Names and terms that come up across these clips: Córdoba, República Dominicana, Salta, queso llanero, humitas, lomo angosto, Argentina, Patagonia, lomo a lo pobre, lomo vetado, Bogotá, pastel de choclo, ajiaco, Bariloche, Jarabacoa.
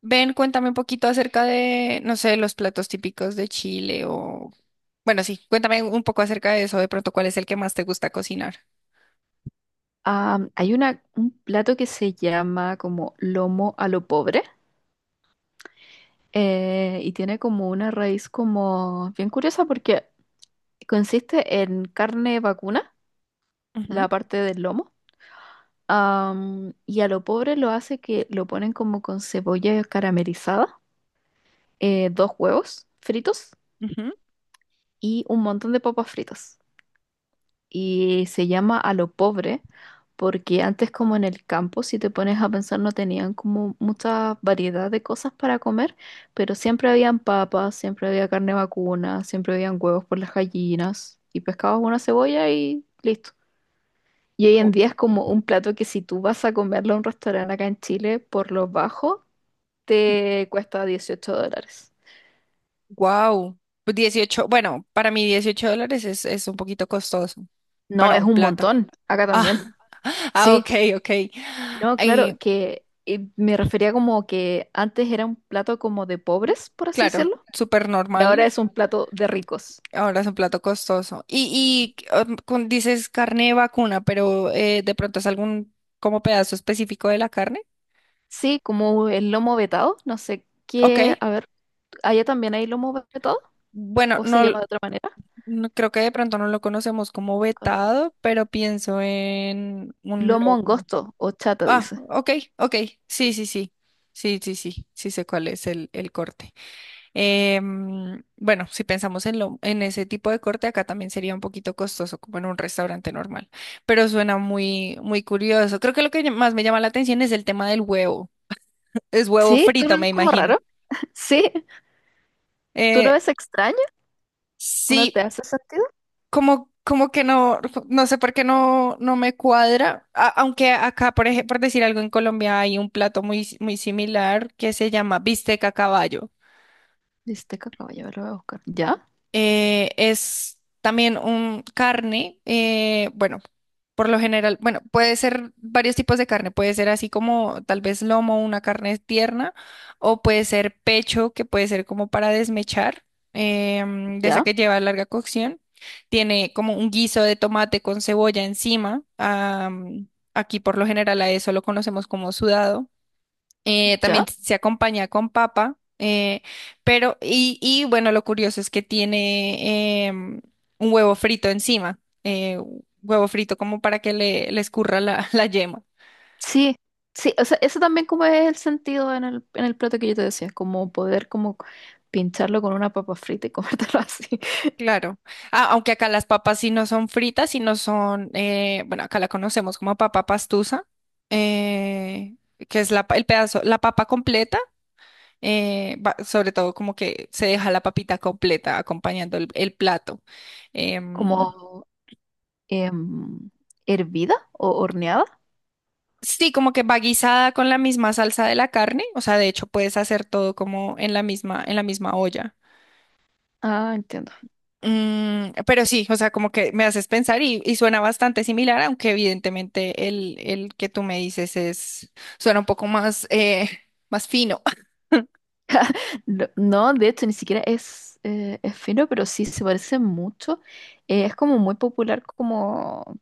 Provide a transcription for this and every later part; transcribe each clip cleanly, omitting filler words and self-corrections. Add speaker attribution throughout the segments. Speaker 1: Ven, cuéntame un poquito acerca de, no sé, los platos típicos de Chile o... Bueno, sí, cuéntame un poco acerca de eso, de pronto, ¿cuál es el que más te gusta cocinar?
Speaker 2: Hay un plato que se llama como lomo a lo pobre y tiene como una raíz como bien curiosa porque consiste en carne vacuna, la parte del lomo, y a lo pobre lo hace que lo ponen como con cebolla caramelizada, dos huevos fritos y un montón de papas fritas. Y se llama A lo pobre, porque antes como en el campo, si te pones a pensar, no tenían como mucha variedad de cosas para comer, pero siempre habían papas, siempre había carne vacuna, siempre habían huevos por las gallinas y pescabas una cebolla y listo. Y hoy en día es como un plato que si tú vas a comerlo a un restaurante acá en Chile, por lo bajo, te cuesta $18.
Speaker 1: Wow, dieciocho. Bueno, para mí dieciocho dólares es un poquito costoso
Speaker 2: No,
Speaker 1: para
Speaker 2: es
Speaker 1: un
Speaker 2: un
Speaker 1: plato.
Speaker 2: montón, acá también.
Speaker 1: Ah, ah,
Speaker 2: Sí.
Speaker 1: ok, ok.
Speaker 2: No,
Speaker 1: Eh,
Speaker 2: claro, que me refería como que antes era un plato como de pobres, por así
Speaker 1: claro,
Speaker 2: decirlo,
Speaker 1: súper
Speaker 2: y
Speaker 1: normal.
Speaker 2: ahora es un plato de ricos.
Speaker 1: Ahora es un plato costoso. Y dices carne de vacuna, pero de pronto es algún como pedazo específico de la carne.
Speaker 2: Sí, como el lomo vetado, no sé
Speaker 1: Ok.
Speaker 2: qué, a ver, ¿allá también hay lomo vetado?
Speaker 1: Bueno,
Speaker 2: ¿O se
Speaker 1: no,
Speaker 2: llama de otra manera?
Speaker 1: creo que de pronto no lo conocemos como
Speaker 2: En Colombia.
Speaker 1: vetado, pero pienso en un
Speaker 2: Lomo
Speaker 1: lomo.
Speaker 2: angosto o chata,
Speaker 1: Ah,
Speaker 2: dice.
Speaker 1: ok, ok. Sí, sí, sí. Sí, sí, sí. Sí sé cuál es el corte. Bueno, si pensamos en ese tipo de corte, acá también sería un poquito costoso, como en un restaurante normal. Pero suena muy, muy curioso. Creo que lo que más me llama la atención es el tema del huevo. Es huevo
Speaker 2: Sí, tú lo
Speaker 1: frito, me
Speaker 2: ves como
Speaker 1: imagino.
Speaker 2: raro. Sí, tú
Speaker 1: Eh,
Speaker 2: lo ves extraño. ¿No te
Speaker 1: sí,
Speaker 2: hace sentido?
Speaker 1: como que no, no sé por qué no, no me cuadra. Aunque acá, por ejemplo, por decir algo, en Colombia hay un plato muy, muy similar que se llama bistec a caballo.
Speaker 2: Dice, cacao, ya lo voy a buscar. Ya,
Speaker 1: Es también un carne, por lo general, bueno, puede ser varios tipos de carne, puede ser así como tal vez lomo, una carne tierna, o puede ser pecho, que puede ser como para desmechar, de esa que
Speaker 2: ya,
Speaker 1: lleva larga cocción. Tiene como un guiso de tomate con cebolla encima. Aquí por lo general a eso lo conocemos como sudado. También
Speaker 2: ya.
Speaker 1: se acompaña con papa, bueno, lo curioso es que tiene un huevo frito encima, huevo frito como para que le escurra la yema.
Speaker 2: Sí, sí, o sea, eso también como es el sentido en el plato que yo te decía, como poder como pincharlo con una papa frita y comértelo así,
Speaker 1: Claro. Ah, aunque acá las papas sí no son fritas, sino son, acá la conocemos como papa pastusa, eh, que es el pedazo, la papa completa, sobre todo como que se deja la papita completa acompañando el plato. Em,
Speaker 2: como em, hervida o horneada.
Speaker 1: Sí, como que va guisada con la misma salsa de la carne, o sea, de hecho puedes hacer todo como en la misma olla.
Speaker 2: Ah, entiendo.
Speaker 1: Mm, pero sí, o sea, como que me haces pensar y suena bastante similar, aunque evidentemente el que tú me dices suena un poco más, más fino.
Speaker 2: No, no, de hecho, ni siquiera es fino, pero sí se parece mucho. Es como muy popular como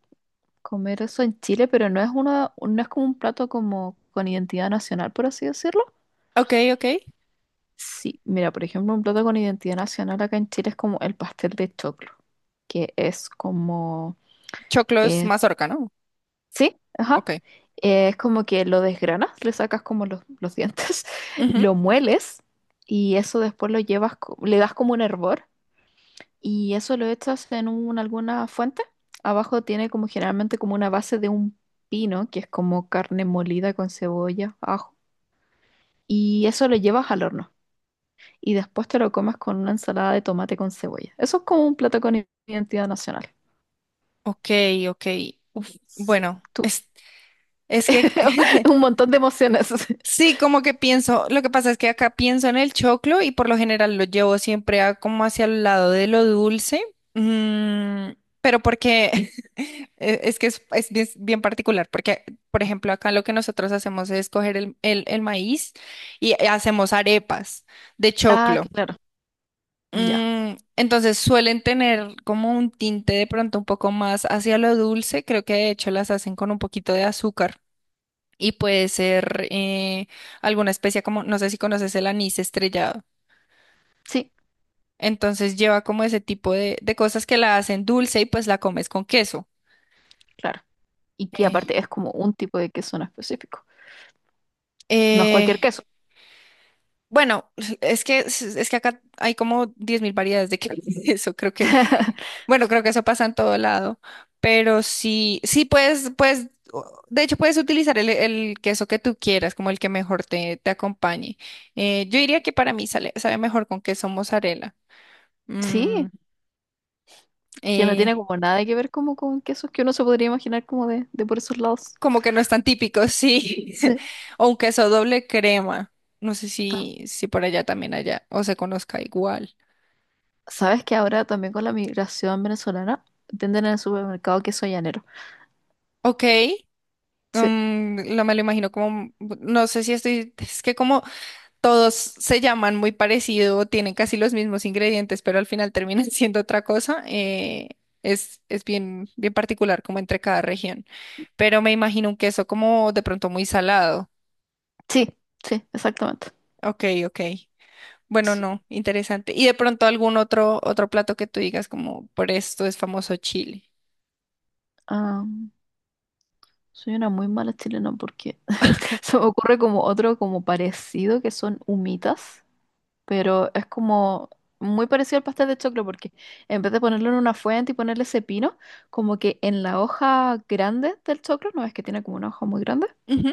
Speaker 2: comer eso en Chile, pero no es uno, no es como un plato como con identidad nacional, por así decirlo.
Speaker 1: Ok, ok.
Speaker 2: Sí, mira, por ejemplo, un plato con identidad nacional acá en Chile es como el pastel de choclo, que es como,
Speaker 1: Choclo es
Speaker 2: eh,
Speaker 1: mazorca, ¿no?
Speaker 2: sí, ajá,
Speaker 1: Ok.
Speaker 2: es como que lo desgranas, le sacas como los dientes,
Speaker 1: Ujú.
Speaker 2: lo mueles y eso después lo llevas, le das como un hervor y eso lo echas en alguna fuente. Abajo tiene como generalmente como una base de un pino, que es como carne molida con cebolla, ajo, y eso lo llevas al horno. Y después te lo comas con una ensalada de tomate con cebolla. Eso es como un plato con identidad nacional.
Speaker 1: Ok, ok. Uf,
Speaker 2: Sí,
Speaker 1: bueno,
Speaker 2: tú.
Speaker 1: es que
Speaker 2: Un montón de emociones.
Speaker 1: Sí, como que pienso, lo que pasa es que acá pienso en el choclo y por lo general lo llevo siempre como hacia el lado de lo dulce. Mm, pero porque es bien, bien particular, porque por ejemplo acá lo que nosotros hacemos es coger el maíz y hacemos arepas de
Speaker 2: Ah,
Speaker 1: choclo.
Speaker 2: claro, ya.
Speaker 1: Mm, entonces suelen tener como un tinte de pronto un poco más hacia lo dulce, creo que de hecho las hacen con un poquito de azúcar y puede ser alguna especie como, no sé si conoces el anís estrellado.
Speaker 2: Sí,
Speaker 1: Entonces lleva como ese tipo de cosas que la hacen dulce y pues la comes con queso.
Speaker 2: claro. Y que aparte
Speaker 1: Eh,
Speaker 2: es como un tipo de queso en específico. No es cualquier
Speaker 1: eh,
Speaker 2: queso.
Speaker 1: bueno, es que acá hay como 10.000 variedades de queso, creo que, bueno, creo que eso pasa en todo lado, pero sí, de hecho puedes utilizar el queso que tú quieras, como el que mejor te acompañe. Yo diría que para mí sabe mejor con queso mozzarella. Mm.
Speaker 2: Sí, que no tiene
Speaker 1: Eh,
Speaker 2: como nada que ver como con quesos que uno se podría imaginar como de por esos lados.
Speaker 1: Como que no es tan típico, sí.
Speaker 2: Sí.
Speaker 1: O un queso doble crema. No sé si, si por allá también allá o se conozca igual.
Speaker 2: Sabes que ahora también con la migración venezolana venden en el supermercado queso llanero.
Speaker 1: Ok.
Speaker 2: Sí,
Speaker 1: Mm, lo me lo imagino como, no sé si estoy, es que como todos se llaman muy parecido, tienen casi los mismos ingredientes, pero al final terminan siendo otra cosa, es bien, bien particular como entre cada región. Pero me imagino un queso como de pronto muy salado.
Speaker 2: sí, sí, exactamente.
Speaker 1: Ok, ok. Bueno,
Speaker 2: Sí.
Speaker 1: no, interesante. Y de pronto algún otro, otro plato que tú digas como por esto es famoso Chile.
Speaker 2: Soy una muy mala chilena porque se me ocurre como otro como parecido que son humitas, pero es como muy parecido al pastel de choclo porque en vez de ponerlo en una fuente y ponerle ese pino, como que en la hoja grande del choclo, no es que tiene como una hoja muy grande,
Speaker 1: Ujú.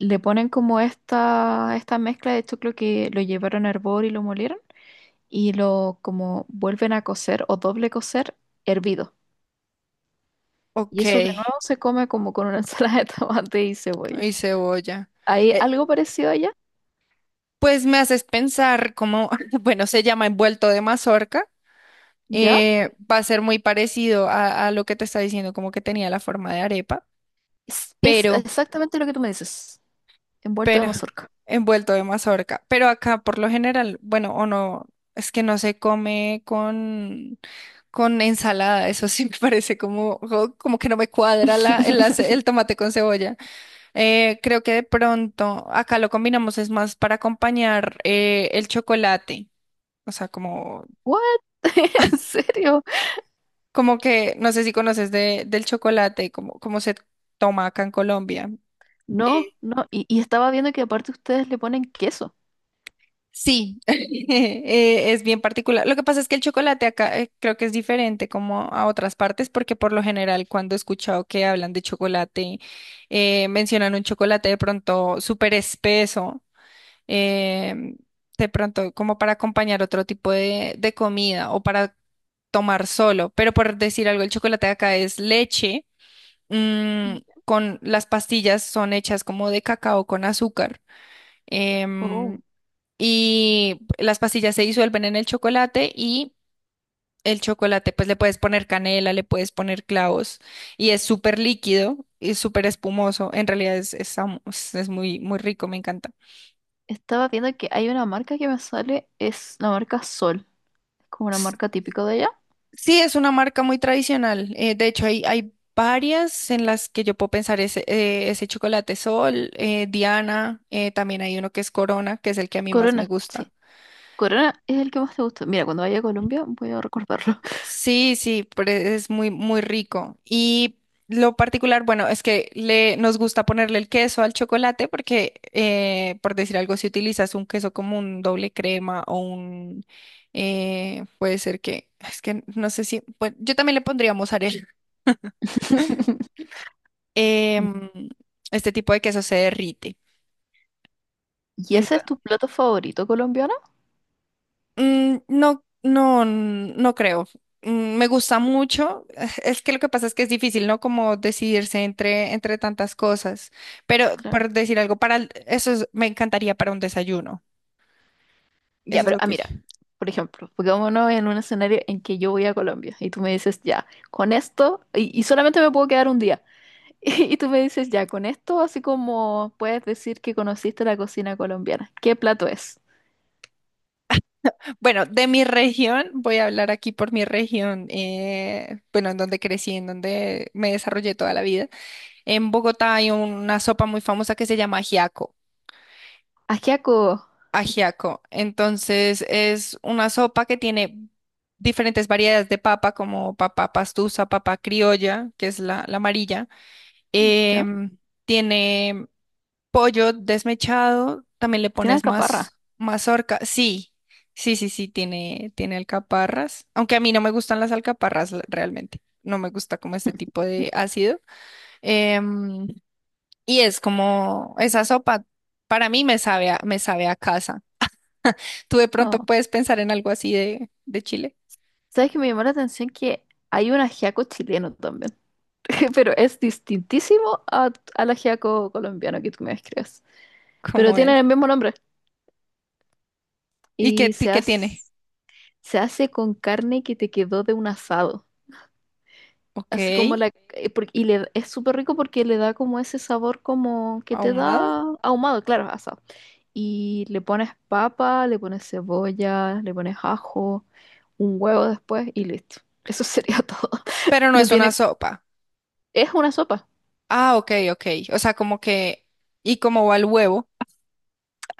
Speaker 2: le ponen como esta mezcla de choclo que lo llevaron a hervor y lo molieron y lo como vuelven a cocer o doble cocer hervido. Y
Speaker 1: Ok,
Speaker 2: eso de nuevo se come como con una ensalada de tomate y cebolla.
Speaker 1: y cebolla.
Speaker 2: Hay
Speaker 1: Eh,
Speaker 2: algo parecido allá,
Speaker 1: pues me haces pensar como, bueno, se llama envuelto de mazorca.
Speaker 2: ¿ya?
Speaker 1: Va a ser muy parecido a lo que te está diciendo, como que tenía la forma de arepa,
Speaker 2: Es
Speaker 1: pero,
Speaker 2: exactamente lo que tú me dices, envuelto de
Speaker 1: pero
Speaker 2: mazorca.
Speaker 1: envuelto de mazorca. Pero acá por lo general, bueno, o no, es que no se come con ensalada, eso sí me parece como, como que no me cuadra el tomate con cebolla. Creo que de pronto acá lo combinamos es más para acompañar el chocolate, o sea, como,
Speaker 2: ¿What? ¿En serio?
Speaker 1: como que, no sé si conoces del chocolate, como, como se toma acá en Colombia. eh,
Speaker 2: No, no. Y estaba viendo que aparte ustedes le ponen queso.
Speaker 1: Sí, es bien particular. Lo que pasa es que el chocolate acá creo que es diferente como a otras partes, porque por lo general cuando he escuchado que hablan de chocolate, mencionan un chocolate de pronto súper espeso, em, de pronto como para acompañar otro tipo de comida o para tomar solo. Pero por decir algo, el chocolate de acá es leche, mm, con las pastillas son hechas como de cacao con azúcar. em,
Speaker 2: Oh.
Speaker 1: y las pastillas se disuelven en el chocolate y el chocolate pues le puedes poner canela, le puedes poner clavos y es súper líquido y súper espumoso. En realidad es muy, muy rico, me encanta.
Speaker 2: Estaba viendo que hay una marca que me sale, es la marca Sol, es como una
Speaker 1: S-
Speaker 2: marca típica de allá.
Speaker 1: Sí, es una marca muy tradicional. De hecho, hay varias en las que yo puedo pensar ese, ese chocolate Sol, Diana, también hay uno que es Corona, que es el que a mí más me
Speaker 2: Corona,
Speaker 1: gusta.
Speaker 2: sí. Corona es el que más te gusta. Mira, cuando vaya a Colombia voy a recordarlo.
Speaker 1: Sí, sí, pero es muy, muy rico. Y lo particular, bueno, es que le, nos gusta ponerle el queso al chocolate porque, por decir algo, si utilizas un queso como un doble crema o un, puede ser que, es que no sé si, bueno, yo también le pondría mozzarella. em, este tipo de queso se derrite.
Speaker 2: ¿Y ese es tu plato favorito colombiano?
Speaker 1: Mm, no, no, no creo. Mm, me gusta mucho. Es que lo que pasa es que es difícil, ¿no? Como decidirse entre, entre tantas cosas. Pero
Speaker 2: Claro.
Speaker 1: por decir algo, para el- eso es- me encantaría para un desayuno.
Speaker 2: Ya,
Speaker 1: Eso es
Speaker 2: pero
Speaker 1: lo
Speaker 2: ah,
Speaker 1: que
Speaker 2: mira, por ejemplo, pongámonos en un escenario en que yo voy a Colombia y tú me dices, ya, con esto, y solamente me puedo quedar un día, y, tú me dices, ya, con esto, así como puedes decir que conociste la cocina colombiana. ¿Qué plato es?
Speaker 1: Bueno, de mi región, voy a hablar aquí por mi región, en donde crecí, en donde me desarrollé toda la vida. En Bogotá hay una sopa muy famosa que se llama ajiaco.
Speaker 2: Ajiaco,
Speaker 1: Ajiaco. Entonces es una sopa que tiene diferentes variedades de papa, como papa pastusa, papa criolla, que es la amarilla.
Speaker 2: ¿ya?
Speaker 1: Em, Tiene pollo desmechado, también le
Speaker 2: Tiene
Speaker 1: pones
Speaker 2: alcaparra.
Speaker 1: más mazorca. Sí, sí, sí, sí, tiene, tiene alcaparras, aunque a mí no me gustan las alcaparras realmente. No me gusta como este tipo de ácido. Em, y es como esa sopa, para mí me me sabe a casa. Tú de pronto
Speaker 2: No.
Speaker 1: puedes pensar en algo así de Chile.
Speaker 2: ¿Sabes que me llamó la atención que hay un ajiaco chileno también? Pero es distintísimo a- al ajiaco colombiano que tú me describes. Pero
Speaker 1: ¿Cómo
Speaker 2: tienen
Speaker 1: es?
Speaker 2: el mismo nombre
Speaker 1: ¿Y qué,
Speaker 2: y se
Speaker 1: qué
Speaker 2: hace.
Speaker 1: tiene?
Speaker 2: Se hace con carne que te quedó de un asado.
Speaker 1: Ok,
Speaker 2: Así como la... Y le, es súper rico porque le da como ese sabor como que te
Speaker 1: ahumado,
Speaker 2: da ahumado, claro, asado. Y le pones papa, le pones cebolla, le pones ajo, un huevo después y listo. Eso sería todo.
Speaker 1: pero no
Speaker 2: No
Speaker 1: es una
Speaker 2: tiene...
Speaker 1: sopa.
Speaker 2: Es una sopa.
Speaker 1: Ah, ok, ok. O sea, como que, ¿y cómo va el huevo?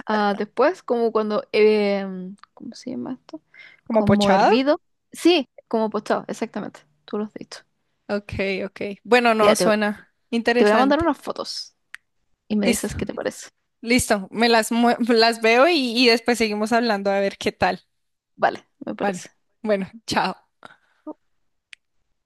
Speaker 2: Ah, después, como cuando... ¿cómo se llama esto?
Speaker 1: ¿Como
Speaker 2: Como
Speaker 1: pochado?
Speaker 2: hervido. Sí, como postado, exactamente. Tú lo has dicho.
Speaker 1: Ok, ok. Bueno, no,
Speaker 2: Ya, te,
Speaker 1: suena
Speaker 2: te voy a mandar
Speaker 1: interesante.
Speaker 2: unas fotos y me
Speaker 1: Listo,
Speaker 2: dices qué te parece.
Speaker 1: listo. Me las veo y después seguimos hablando a ver qué tal.
Speaker 2: Vale, me
Speaker 1: Vale,
Speaker 2: parece.
Speaker 1: bueno, chao.